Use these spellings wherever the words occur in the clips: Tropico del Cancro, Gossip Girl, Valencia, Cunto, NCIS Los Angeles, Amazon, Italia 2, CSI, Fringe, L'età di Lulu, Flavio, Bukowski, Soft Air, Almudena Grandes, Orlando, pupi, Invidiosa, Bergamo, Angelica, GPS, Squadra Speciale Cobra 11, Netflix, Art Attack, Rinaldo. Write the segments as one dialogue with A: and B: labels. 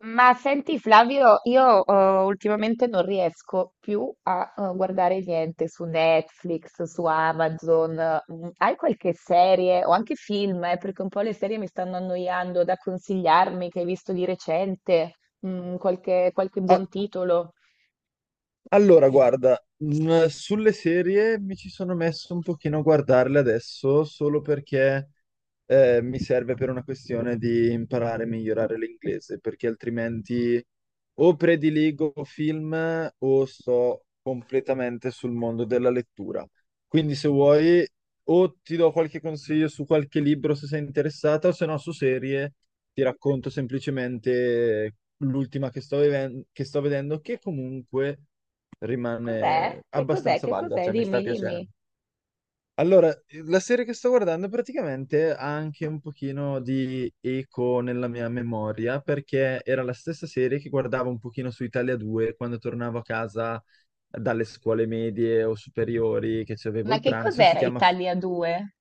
A: Ma senti Flavio, io ultimamente non riesco più a guardare niente su Netflix, su Amazon. Mm, hai qualche serie o anche film? Perché un po' le serie mi stanno annoiando, da consigliarmi che hai visto di recente, mm, qualche
B: eh,
A: buon titolo.
B: allora, guarda, sulle serie mi ci sono messo un pochino a guardarle adesso solo perché mi serve per una questione di imparare e migliorare l'inglese, perché altrimenti o prediligo film o sto completamente sul mondo della lettura. Quindi se vuoi o ti do qualche consiglio su qualche libro se sei interessata, o se no su serie ti racconto semplicemente l'ultima che sto vedendo, che comunque
A: Che cos'è?
B: rimane
A: Che cos'è?
B: abbastanza
A: Che
B: valida,
A: cos'è?
B: cioè mi sta
A: Dimmi,
B: piacendo.
A: dimmi.
B: Allora, la serie che sto guardando praticamente ha anche un pochino di eco nella mia memoria, perché era la stessa serie che guardavo un pochino su Italia 2 quando tornavo a casa dalle scuole medie o superiori che ci avevo
A: Ma
B: il
A: che
B: pranzo, e si
A: cos'era
B: chiama
A: Italia 2?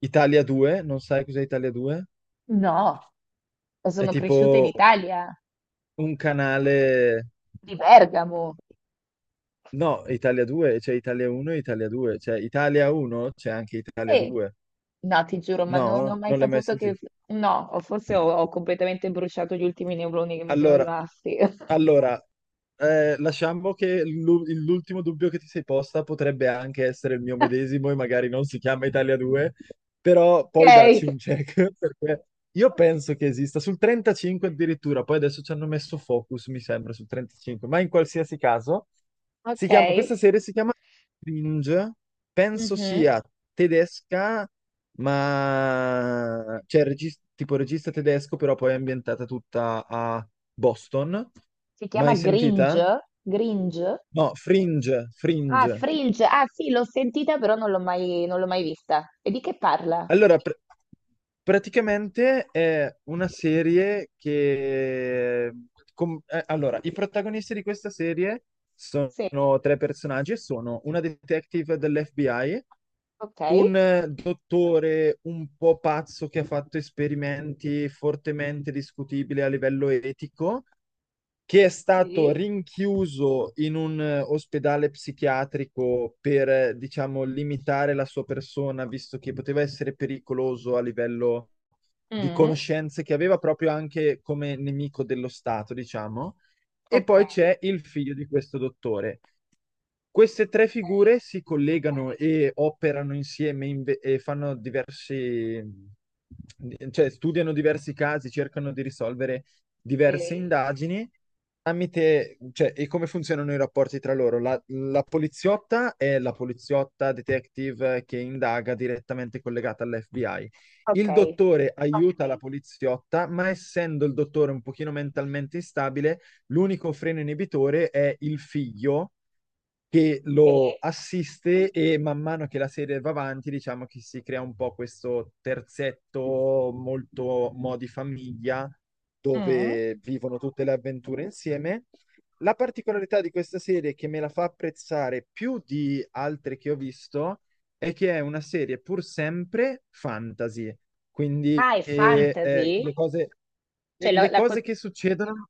B: Italia 2, non sai cos'è Italia 2?
A: No,
B: È
A: sono cresciuta in
B: tipo
A: Italia,
B: un canale.
A: di Bergamo.
B: No, Italia 2, c'è Italia 1 e Italia 2, cioè Italia 1 c'è anche Italia 2.
A: No, ti giuro, ma non
B: No,
A: ho mai
B: non l'hai mai
A: saputo che...
B: sentito.
A: No, o forse ho completamente bruciato gli ultimi neuroni che mi sono
B: Allora,
A: rimasti.
B: allora, lasciamo che l'ultimo dubbio che ti sei posta potrebbe anche essere il mio medesimo e magari non si chiama Italia 2, però poi dacci
A: Ok,
B: un check, perché io penso che esista sul 35 addirittura, poi adesso ci hanno messo Focus, mi sembra, sul 35, ma in qualsiasi caso. Si
A: ok.
B: chiama, questa serie si chiama Cringe, penso
A: Mhm.
B: sia tedesca, ma cioè tipo regista tedesco, però poi è ambientata tutta a Boston.
A: Si chiama
B: Mai sentita?
A: Gringe? Gringe?
B: No, Fringe,
A: Ah,
B: Fringe.
A: Fringe. Ah, sì, l'ho sentita, però non l'ho mai vista. E di che parla?
B: Allora, praticamente è una serie che. Allora, i protagonisti di questa serie sono
A: Sì.
B: tre personaggi e sono una detective dell'FBI,
A: Ok.
B: un dottore un po' pazzo che ha fatto esperimenti fortemente discutibili a livello etico che è stato
A: Sì.
B: rinchiuso in un ospedale psichiatrico per, diciamo, limitare la sua persona, visto che poteva essere pericoloso a livello di
A: Mm.
B: conoscenze che aveva proprio anche come nemico dello Stato, diciamo. E
A: Ok.
B: poi c'è il figlio di questo dottore. Queste tre figure
A: Sì.
B: si collegano e operano insieme e fanno diversi, cioè studiano diversi casi, cercano di risolvere diverse
A: Sì.
B: indagini tramite, cioè, e come funzionano i rapporti tra loro? La poliziotta è la poliziotta detective che indaga direttamente collegata all'FBI.
A: Ok.
B: Il dottore aiuta la, ok, poliziotta, ma essendo il dottore un pochino mentalmente instabile, l'unico freno inibitore è il figlio che
A: Sì.
B: lo assiste e man mano che la serie va avanti, diciamo che si crea un po' questo terzetto molto modi famiglia
A: Mm.
B: dove vivono tutte le avventure insieme. La particolarità di questa serie che me la fa apprezzare più di altre che ho visto è che è una serie pur sempre fantasy, quindi
A: Ah, è
B: le
A: fantasy?
B: cose, le
A: Cioè,
B: le cose
A: co-
B: che succedono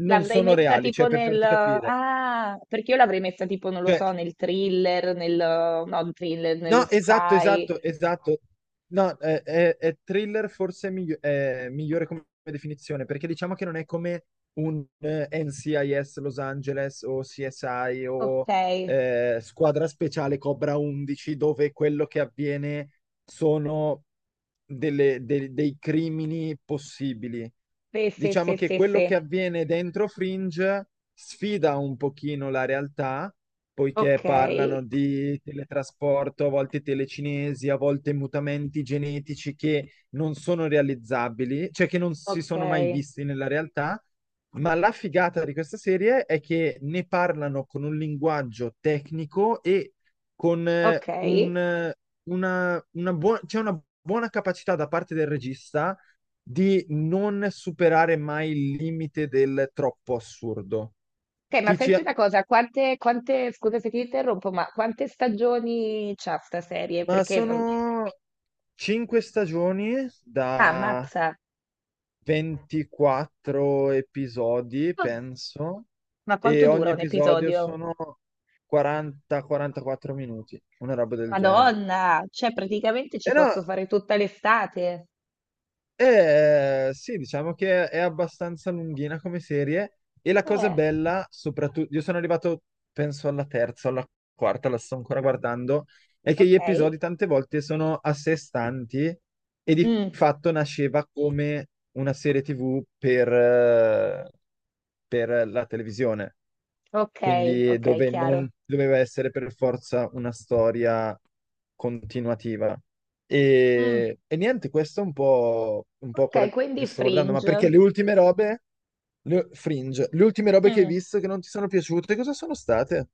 B: non
A: L'avrei
B: sono
A: messa
B: reali,
A: tipo
B: cioè per
A: nel...
B: farti capire.
A: Ah, perché io l'avrei messa tipo, non lo
B: Cioè,
A: so, nel thriller, nel... no, il thriller, nello
B: no, esatto,
A: spy.
B: esatto, esatto. No, è thriller forse è migliore come definizione, perché diciamo che non è come un NCIS Los Angeles o CSI
A: Ok.
B: o squadra speciale Cobra 11, dove quello che avviene sono dei crimini possibili.
A: Sì, sì,
B: Diciamo
A: sì,
B: che
A: sì,
B: quello
A: sì.
B: che avviene dentro Fringe sfida un pochino la realtà, poiché
A: Ok,
B: parlano di teletrasporto, a volte telecinesi, a volte mutamenti genetici che non sono realizzabili, cioè che non si
A: ok,
B: sono mai visti nella realtà, ma la figata di questa serie è che ne parlano con un linguaggio tecnico e con
A: ok.
B: un, una buona, c'è una buona capacità da parte del regista di non superare mai il limite del troppo assurdo.
A: Ok, ma
B: Dici:
A: senti
B: "Ah,
A: una cosa, scusa se ti interrompo, ma quante stagioni c'ha sta serie?
B: ma
A: Perché... non-
B: sono cinque stagioni
A: Ah,
B: da
A: ammazza.
B: 24 episodi,
A: Ah,
B: penso,
A: ma
B: e
A: quanto
B: ogni
A: dura un
B: episodio
A: episodio?
B: sono 40-44 minuti, una roba del genere."
A: Madonna, cioè praticamente ci
B: E no,
A: posso fare tutta l'estate.
B: sì, diciamo che è abbastanza lunghina come serie. E la cosa
A: Eh,
B: bella, soprattutto, io sono arrivato, penso, alla terza, alla quarta, la sto ancora guardando, è che gli
A: ok.
B: episodi tante volte sono a sé stanti e di
A: Mm.
B: fatto nasceva come una serie TV per, per la televisione,
A: Ok,
B: quindi
A: ok,
B: dove
A: chiaro.
B: non doveva essere per forza una storia continuativa.
A: Mm,
B: E niente, questo è un po',
A: ok,
B: quello che
A: quindi
B: sto guardando, ma
A: Fringe.
B: perché le ultime robe, Fringe, le ultime robe che hai
A: Mm.
B: visto che non ti sono piaciute, cosa sono state?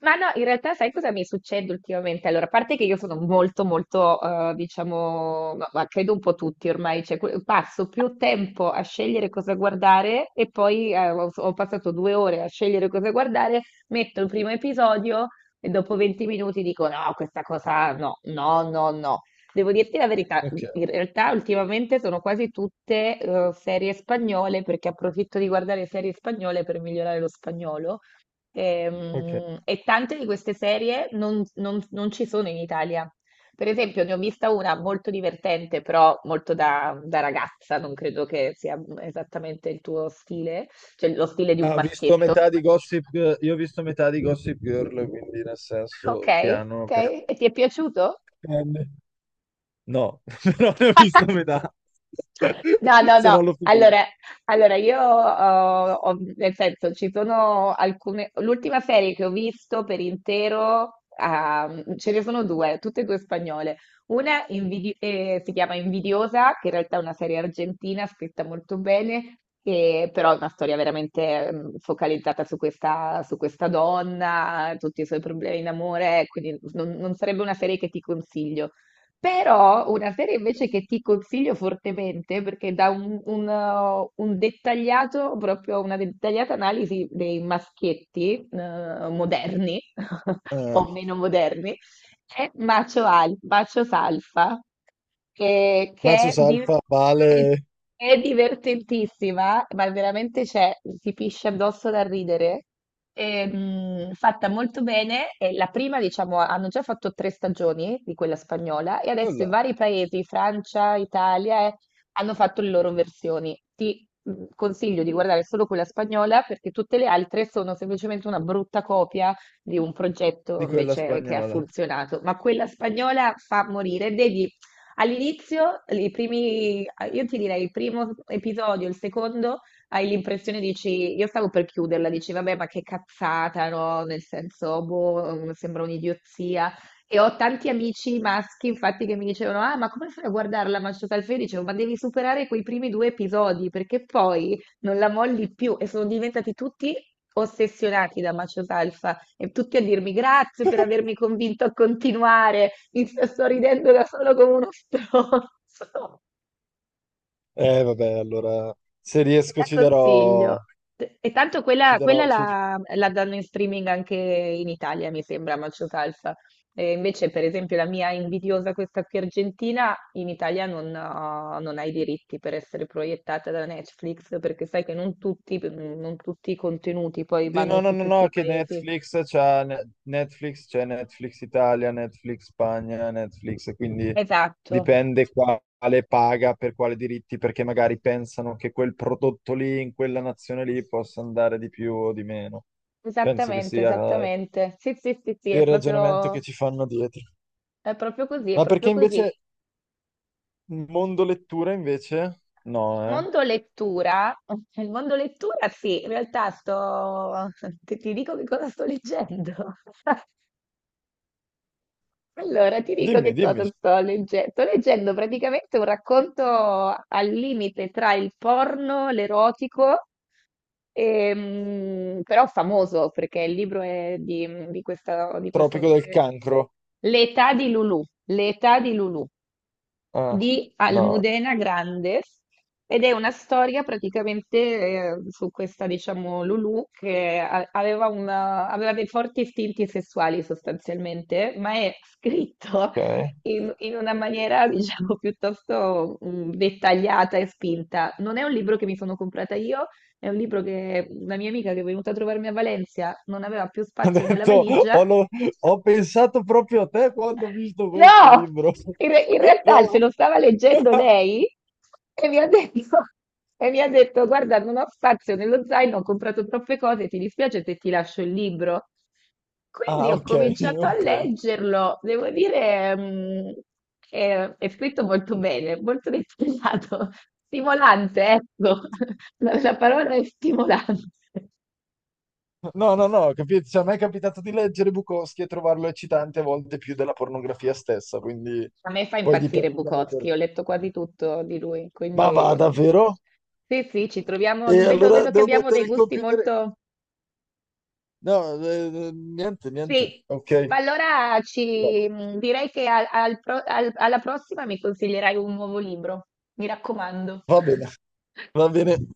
A: Ma no, in realtà sai cosa mi succede ultimamente? Allora, a parte che io sono molto, molto, diciamo, ma credo un po' tutti ormai, cioè, que- passo più tempo a scegliere cosa guardare e poi ho passato due ore a scegliere cosa guardare, metto il primo episodio e dopo 20 minuti dico no, questa cosa no, no, no, no. Devo dirti la verità,
B: Ok,
A: in realtà ultimamente sono quasi tutte serie spagnole perché approfitto di guardare serie spagnole per migliorare lo spagnolo.
B: ok.
A: E, tante di queste serie non ci sono in Italia. Per esempio, ne ho vista una molto divertente, però molto da, da ragazza, non credo che sia esattamente il tuo stile, cioè lo stile di un
B: Ah, ho visto
A: maschietto.
B: metà di Gossip, Girl- io ho visto metà di Gossip Girl, quindi nel
A: Ok,
B: senso piano
A: ok,
B: perché.
A: e ti è piaciuto?
B: No, però ne ho visto metà.
A: No, no,
B: Se
A: no.
B: non l'ho finito.
A: Allora, allora nel senso, ci sono alcune. L'ultima serie che ho visto per intero, ah, ce ne sono due, tutte e due spagnole. Una invidi- si chiama Invidiosa, che in realtà è una serie argentina scritta molto bene, e però è una storia veramente mm, focalizzata su su questa donna, tutti i suoi problemi in amore, quindi non sarebbe una serie che ti consiglio. Però una serie invece che ti consiglio fortemente, perché dà un dettagliato, proprio una dettagliata analisi dei maschietti moderni
B: eh,
A: o meno moderni, è bacio, al- bacio salsa, che è,
B: Mazzos
A: di-
B: Alfa
A: è-
B: vale
A: è divertentissima, ma veramente c'è, si pisce addosso da ridere. E, fatta molto bene, e la prima, diciamo, hanno già fatto tre stagioni di quella spagnola e adesso i
B: nulla
A: vari paesi, Francia, Italia, hanno fatto le loro versioni. Ti consiglio di guardare solo quella spagnola perché tutte le altre sono semplicemente una brutta copia di un progetto
B: di quella
A: invece che ha
B: spagnola.
A: funzionato, ma quella spagnola fa morire. Vedi, all'inizio, i primi, io ti direi il primo episodio, il secondo, hai l'impressione, dici, io stavo per chiuderla, dici, vabbè, ma che cazzata, no? Nel senso, boh, mm, sembra un'idiozia. E ho tanti amici maschi, infatti, che mi dicevano: ah, ma come fai a guardarla Manchester al Fede? Dicevo, ma devi superare quei primi due episodi perché poi non la molli più. E sono diventati tutti ossessionati da Macio e tutti a dirmi grazie per avermi convinto a continuare, mi sto ridendo da solo come uno stronzo,
B: Vabbè, allora se
A: te
B: riesco
A: la
B: ci darò,
A: consiglio. E tanto
B: ci
A: quella, quella
B: darò, ci-
A: la, la danno in streaming anche in Italia, mi sembra, Macho Salsa. E invece, per esempio, la mia invidiosa, questa qui argentina, in Italia non, ha- non ha i diritti per essere proiettata da Netflix, perché sai che non tutti i contenuti poi
B: Sì,
A: vanno
B: no, no,
A: su
B: no,
A: tutti
B: no,
A: i
B: che
A: paesi.
B: Netflix c'ha Netflix, c'è Netflix Italia, Netflix Spagna, Netflix, quindi
A: Esatto.
B: dipende quale paga per quale diritti, perché magari pensano che quel prodotto lì, in quella nazione lì, possa andare di più o di meno. Penso che
A: Esattamente,
B: sia eh,
A: esattamente. Sì, sì, sì, sì,
B: il ragionamento che ci fanno dietro.
A: è proprio così, è
B: Ma
A: proprio
B: perché
A: così.
B: invece Mondo lettura invece? No, eh.
A: Mondo lettura, il mondo lettura sì, in realtà sto, ti dico che cosa sto leggendo. Allora, ti dico che
B: Dimmi, dimmi.
A: cosa sto leggendo. Sto leggendo praticamente un racconto al limite tra il porno, l'erotico, però famoso perché il libro è di questa- di questo
B: Tropico del
A: autore.
B: cancro.
A: L'età di Lulu. L'età di Lulu
B: Ah,
A: di
B: no,
A: Almudena Grandes ed è una storia praticamente su questa, diciamo, Lulu che a- aveva, una- aveva dei forti istinti sessuali sostanzialmente, ma è scritto
B: ok.
A: in, in una maniera, diciamo, piuttosto mm, dettagliata e spinta. Non è un libro che mi sono comprata io, è un libro che una mia amica che è venuta a trovarmi a Valencia non aveva più
B: Ho
A: spazio nella
B: detto,
A: valigia.
B: ho, lo- ho pensato proprio a te quando ho visto questo
A: No,
B: libro.
A: in re- in realtà se
B: No.
A: lo stava leggendo lei e mi ha detto, e mi ha detto, guarda, non ho spazio nello zaino, ho comprato troppe cose, ti dispiace se ti lascio il libro? Quindi
B: Ah,
A: ho
B: ok,
A: cominciato a
B: ok.
A: leggerlo, devo dire, mm, è scritto molto bene, molto dettagliato, stimolante, ecco, la parola è stimolante.
B: No, no, no, capito. Cioè, a me è capitato di leggere Bukowski e trovarlo eccitante a volte più della pornografia stessa, quindi
A: A me fa
B: poi
A: impazzire
B: dipende dall'autore.
A: Bukowski, ho letto quasi tutto di lui,
B: Ma va,
A: quindi mm,
B: davvero?
A: sì, sì, ci troviamo,
B: E
A: vedo,
B: allora
A: vedo che
B: devo
A: abbiamo
B: mettere
A: dei
B: il
A: gusti
B: computer?
A: molto...
B: No, niente, niente.
A: Sì,
B: Ok.
A: ma allora
B: Va
A: ci, mm, direi che al- al pro- al- alla prossima mi consiglierai un nuovo libro, mi raccomando.
B: bene, va bene.